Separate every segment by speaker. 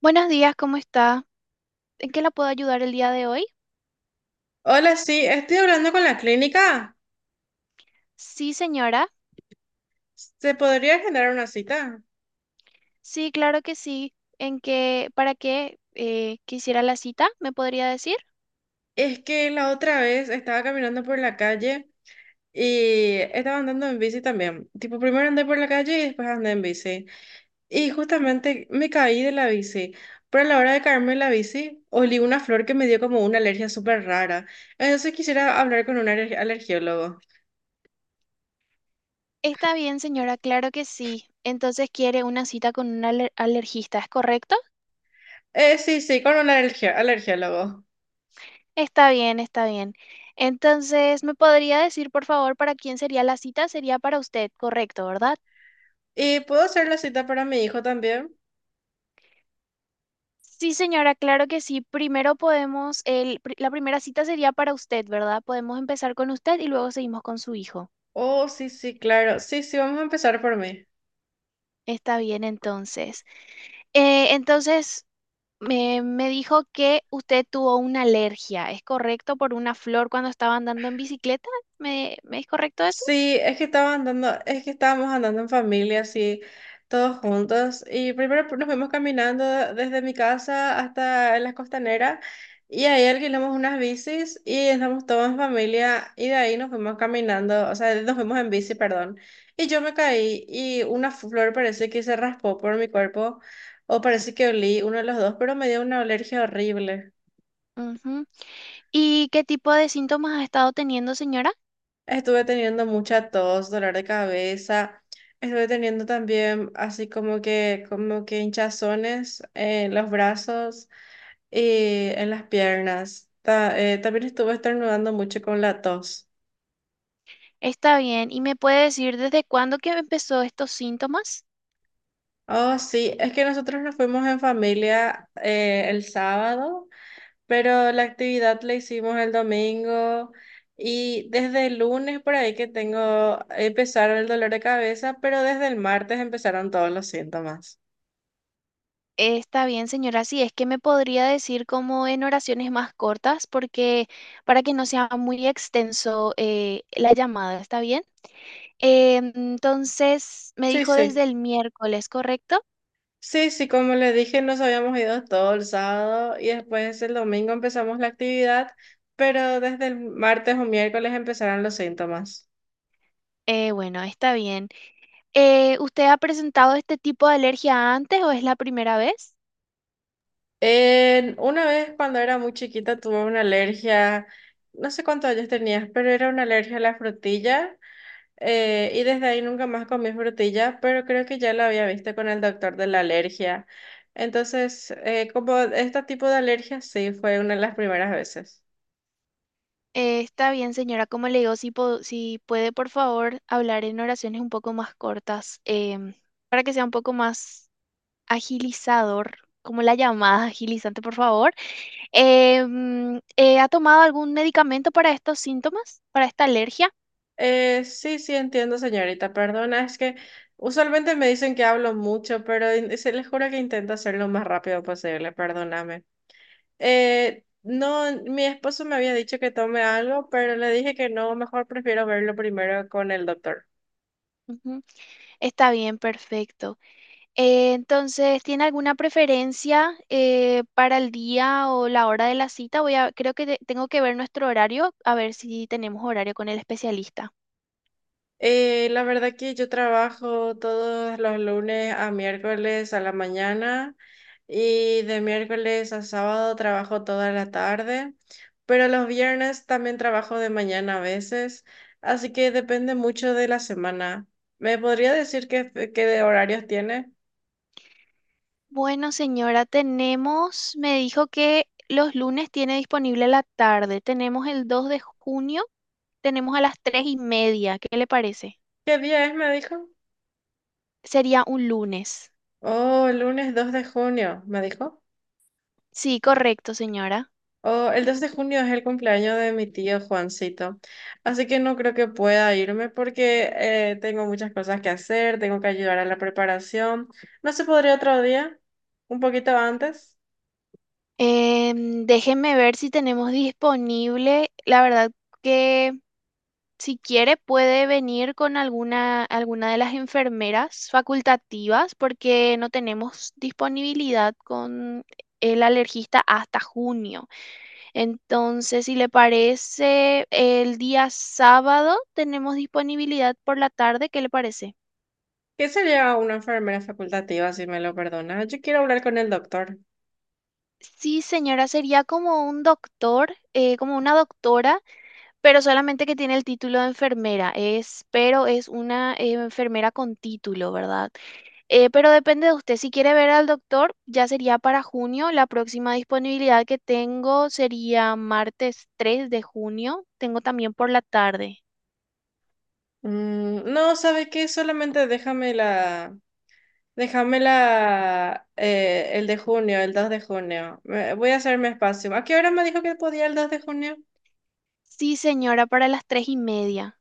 Speaker 1: Buenos días, ¿cómo está? ¿En qué la puedo ayudar el día de hoy?
Speaker 2: Hola, sí, estoy hablando con la clínica.
Speaker 1: Sí, señora.
Speaker 2: ¿Se podría generar una cita?
Speaker 1: Sí, claro que sí. ¿Para qué quisiera la cita? ¿Me podría decir?
Speaker 2: Es que la otra vez estaba caminando por la calle y estaba andando en bici también. Tipo, primero andé por la calle y después andé en bici. Y justamente me caí de la bici. Pero a la hora de caerme de la bici, olí una flor que me dio como una alergia súper rara. Entonces quisiera hablar con un alergiólogo.
Speaker 1: Está bien, señora, claro que sí. Entonces quiere una cita con un alergista, ¿es correcto?
Speaker 2: Sí, sí, con un alergiólogo.
Speaker 1: Está bien, está bien. Entonces, ¿me podría decir, por favor, para quién sería la cita? Sería para usted, correcto, ¿verdad?
Speaker 2: ¿Y puedo hacer la cita para mi hijo también?
Speaker 1: Sí, señora, claro que sí. Primero podemos, la primera cita sería para usted, ¿verdad? Podemos empezar con usted y luego seguimos con su hijo.
Speaker 2: Oh, sí, sí, claro. Sí, sí, vamos a empezar por mí.
Speaker 1: Está bien, entonces. Entonces, me dijo que usted tuvo una alergia, ¿es correcto? Por una flor cuando estaba andando en bicicleta. ¿Me es correcto eso?
Speaker 2: Sí, es que estaba andando, es que estábamos andando en familia, así, todos juntos. Y primero nos fuimos caminando desde mi casa hasta las costaneras. Y ahí alquilamos unas bicis y estamos todos en familia. Y de ahí nos fuimos caminando, o sea, nos fuimos en bici, perdón. Y yo me caí y una flor parece que se raspó por mi cuerpo. O parece que olí uno de los dos, pero me dio una alergia horrible.
Speaker 1: Ujú. ¿Y qué tipo de síntomas ha estado teniendo, señora?
Speaker 2: Estuve teniendo mucha tos, dolor de cabeza. Estuve teniendo también así como que hinchazones en los brazos y en las piernas. También estuve estornudando mucho con la tos.
Speaker 1: Está bien. ¿Y me puede decir desde cuándo que empezó estos síntomas?
Speaker 2: Oh, sí, es que nosotros nos fuimos en familia el sábado, pero la actividad la hicimos el domingo y desde el lunes por ahí que tengo, empezaron el dolor de cabeza, pero desde el martes empezaron todos los síntomas.
Speaker 1: Está bien, señora. Sí, es que me podría decir como en oraciones más cortas, porque para que no sea muy extenso la llamada, ¿está bien? Entonces, me
Speaker 2: Sí,
Speaker 1: dijo
Speaker 2: sí.
Speaker 1: desde el miércoles, ¿correcto?
Speaker 2: Sí, sí, como le dije, nos habíamos ido todo el sábado y después el domingo empezamos la actividad, pero desde el martes o miércoles empezaron los síntomas.
Speaker 1: Bueno, está bien. ¿Usted ha presentado este tipo de alergia antes o es la primera vez?
Speaker 2: Una vez cuando era muy chiquita tuve una alergia, no sé cuántos años tenías, pero era una alergia a la frutilla y desde ahí nunca más comí frutilla, pero creo que ya la había visto con el doctor de la alergia. Entonces, como este tipo de alergia, sí, fue una de las primeras veces.
Speaker 1: Está bien, señora. Como le digo, si puede, por favor, hablar en oraciones un poco más cortas, para que sea un poco más agilizador, como la llamada agilizante, por favor. ¿Ha tomado algún medicamento para estos síntomas, para esta alergia?
Speaker 2: Sí, sí, entiendo, señorita. Perdona, es que usualmente me dicen que hablo mucho, pero se les juro que intento hacerlo lo más rápido posible. Perdóname. No, mi esposo me había dicho que tome algo, pero le dije que no, mejor prefiero verlo primero con el doctor.
Speaker 1: Ujú. Está bien, perfecto. Entonces, ¿tiene alguna preferencia para el día o la hora de la cita? Creo que tengo que ver nuestro horario, a ver si tenemos horario con el especialista.
Speaker 2: La verdad que yo trabajo todos los lunes a miércoles a la mañana y de miércoles a sábado trabajo toda la tarde, pero los viernes también trabajo de mañana a veces, así que depende mucho de la semana. ¿Me podría decir qué de horarios tiene?
Speaker 1: Bueno, señora, tenemos, me dijo que los lunes tiene disponible la tarde. Tenemos el 2 de junio, tenemos a las 3:30. ¿Qué le parece?
Speaker 2: ¿Qué día es? Me dijo.
Speaker 1: Sería un lunes.
Speaker 2: Oh, lunes 2 de junio, me dijo.
Speaker 1: Sí, correcto, señora.
Speaker 2: Oh, el 2 de junio es el cumpleaños de mi tío Juancito, así que no creo que pueda irme porque tengo muchas cosas que hacer, tengo que ayudar a la preparación. ¿No se podría otro día? ¿Un poquito antes?
Speaker 1: Déjeme ver si tenemos disponible. La verdad que si quiere puede venir con alguna de las enfermeras facultativas porque no tenemos disponibilidad con el alergista hasta junio. Entonces, si le parece, el día sábado tenemos disponibilidad por la tarde. ¿Qué le parece?
Speaker 2: ¿Qué sería una enfermera facultativa, si me lo perdona? Yo quiero hablar con el doctor.
Speaker 1: Sí, señora, sería como un doctor, como una doctora. Pero solamente que tiene el título de enfermera, pero es una enfermera con título, ¿verdad? Pero depende de usted. Si quiere ver al doctor, ya sería para junio. La próxima disponibilidad que tengo sería martes 3 de junio. Tengo también por la tarde.
Speaker 2: Mm, no, ¿sabe qué? Solamente déjame la, el de junio, el 2 de junio. Voy a hacerme espacio. ¿A qué hora me dijo que podía el 2 de junio?
Speaker 1: Sí, señora, para las 3:30.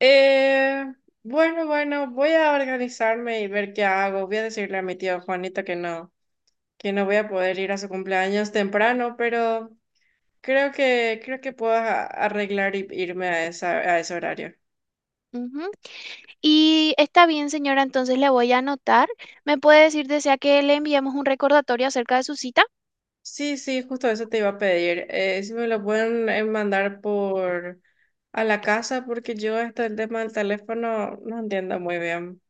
Speaker 2: Eh, bueno, bueno, voy a organizarme y ver qué hago. Voy a decirle a mi tía Juanita que no voy a poder ir a su cumpleaños temprano, pero creo que puedo arreglar y irme a esa, a ese horario.
Speaker 1: Ujú. Y está bien, señora, entonces le voy a anotar. ¿Me puede decir, desea que le enviemos un recordatorio acerca de su cita?
Speaker 2: Sí, sí, justo eso te iba a pedir. Si me lo pueden mandar por a la casa, porque yo hasta el tema del teléfono no entiendo muy bien.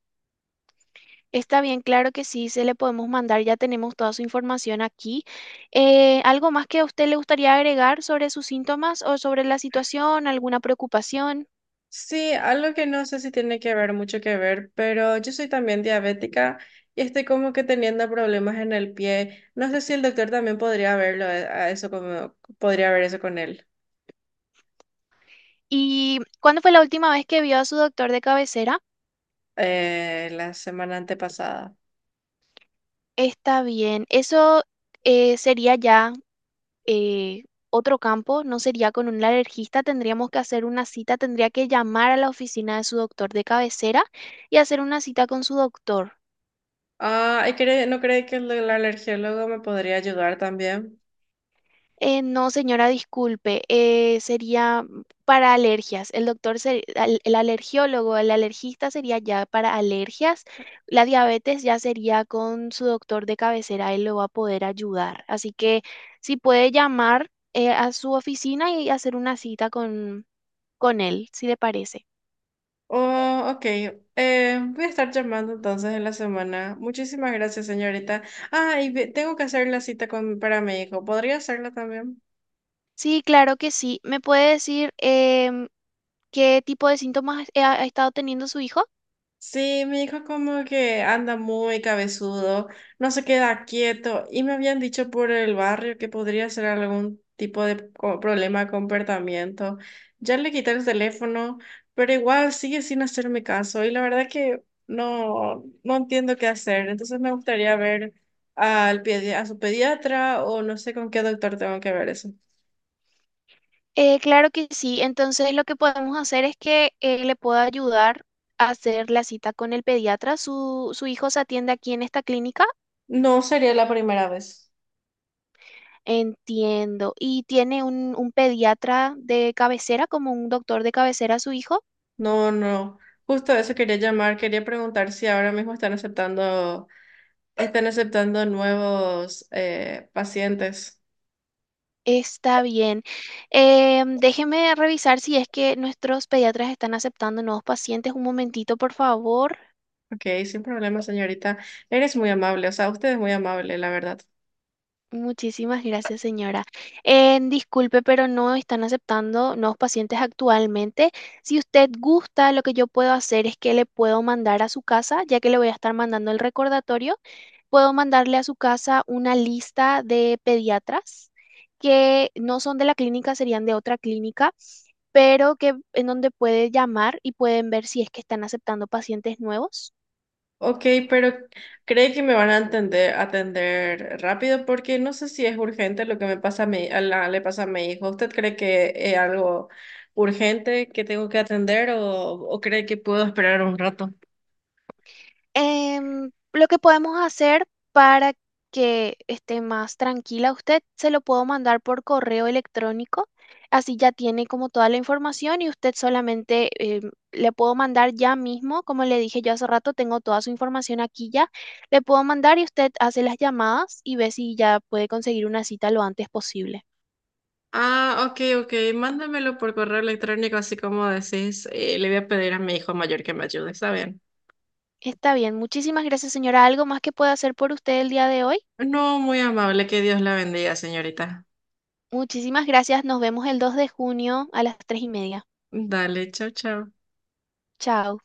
Speaker 1: Está bien, claro que sí, se le podemos mandar, ya tenemos toda su información aquí. ¿Algo más que a usted le gustaría agregar sobre sus síntomas o sobre la situación, alguna preocupación?
Speaker 2: Sí, algo que no sé si tiene que ver, mucho que ver, pero yo soy también diabética y estoy como que teniendo problemas en el pie. No sé si el doctor también podría verlo, a eso como, podría ver eso con él.
Speaker 1: ¿Y cuándo fue la última vez que vio a su doctor de cabecera?
Speaker 2: La semana antepasada.
Speaker 1: Está bien. Eso sería ya eh, otro campo, no sería con un alergista, tendríamos que hacer una cita, tendría que llamar a la oficina de su doctor de cabecera y hacer una cita con su doctor.
Speaker 2: Ah, ¿y no cree que el alergiólogo me podría ayudar también?
Speaker 1: No, señora, disculpe, sería para alergias. El doctor, se- al- el alergiólogo, el alergista sería ya para alergias. La diabetes ya sería con su doctor de cabecera, él lo va a poder ayudar. Así que si puede llamar a su oficina y hacer una cita con él, si le parece.
Speaker 2: Oh, ok. Voy a estar llamando entonces en la semana. Muchísimas gracias, señorita. Ah, y tengo que hacer la cita con, para mi hijo. ¿Podría hacerla también?
Speaker 1: Sí, claro que sí. ¿Me puede decir qué tipo de síntomas ha estado teniendo su hijo?
Speaker 2: Sí, mi hijo como que anda muy cabezudo, no se queda quieto y me habían dicho por el barrio que podría ser algún tipo de problema con comportamiento. Ya le quité el teléfono, pero igual sigue sin hacerme caso y la verdad que no, no entiendo qué hacer. Entonces me gustaría ver a su pediatra o no sé con qué doctor tengo que ver eso.
Speaker 1: Claro que sí. Entonces lo que podemos hacer es que le pueda ayudar a hacer la cita con el pediatra. Su hijo se atiende aquí en esta clínica.
Speaker 2: No sería la primera vez.
Speaker 1: Entiendo. ¿Y tiene un pediatra de cabecera, como un doctor de cabecera su hijo?
Speaker 2: No, no. Justo a eso quería llamar, quería preguntar si ahora mismo están aceptando nuevos pacientes.
Speaker 1: Está bien. Déjeme revisar si es que nuestros pediatras están aceptando nuevos pacientes. Un momentito, por favor.
Speaker 2: Ok, sin problema, señorita. Eres muy amable, o sea, usted es muy amable, la verdad.
Speaker 1: Muchísimas gracias, señora. Disculpe, pero no están aceptando nuevos pacientes actualmente. Si usted gusta, lo que yo puedo hacer es que le puedo mandar a su casa, ya que le voy a estar mandando el recordatorio, puedo mandarle a su casa una lista de pediatras que no son de la clínica, serían de otra clínica, pero que en donde puede llamar y pueden ver si es que están aceptando pacientes nuevos.
Speaker 2: Ok, pero ¿cree que me van a atender rápido? Porque no sé si es urgente lo que me pasa a mi, le pasa a mi hijo. ¿Usted cree que es algo urgente que tengo que atender o cree que puedo esperar un rato?
Speaker 1: Lo que podemos hacer para que esté más tranquila usted, se lo puedo mandar por correo electrónico, así ya tiene como toda la información y usted solamente le puedo mandar ya mismo, como le dije yo hace rato, tengo toda su información aquí ya, le puedo mandar y usted hace las llamadas y ve si ya puede conseguir una cita lo antes posible.
Speaker 2: Ah, ok, ok. Mándamelo por correo electrónico, así como decís. Le voy a pedir a mi hijo mayor que me ayude, ¿está bien?
Speaker 1: Está bien, muchísimas gracias señora. ¿Algo más que pueda hacer por usted el día de hoy?
Speaker 2: No, muy amable, que Dios la bendiga, señorita.
Speaker 1: Muchísimas gracias, nos vemos el 2 de junio a las 3:30.
Speaker 2: Dale, chao, chao.
Speaker 1: Chao.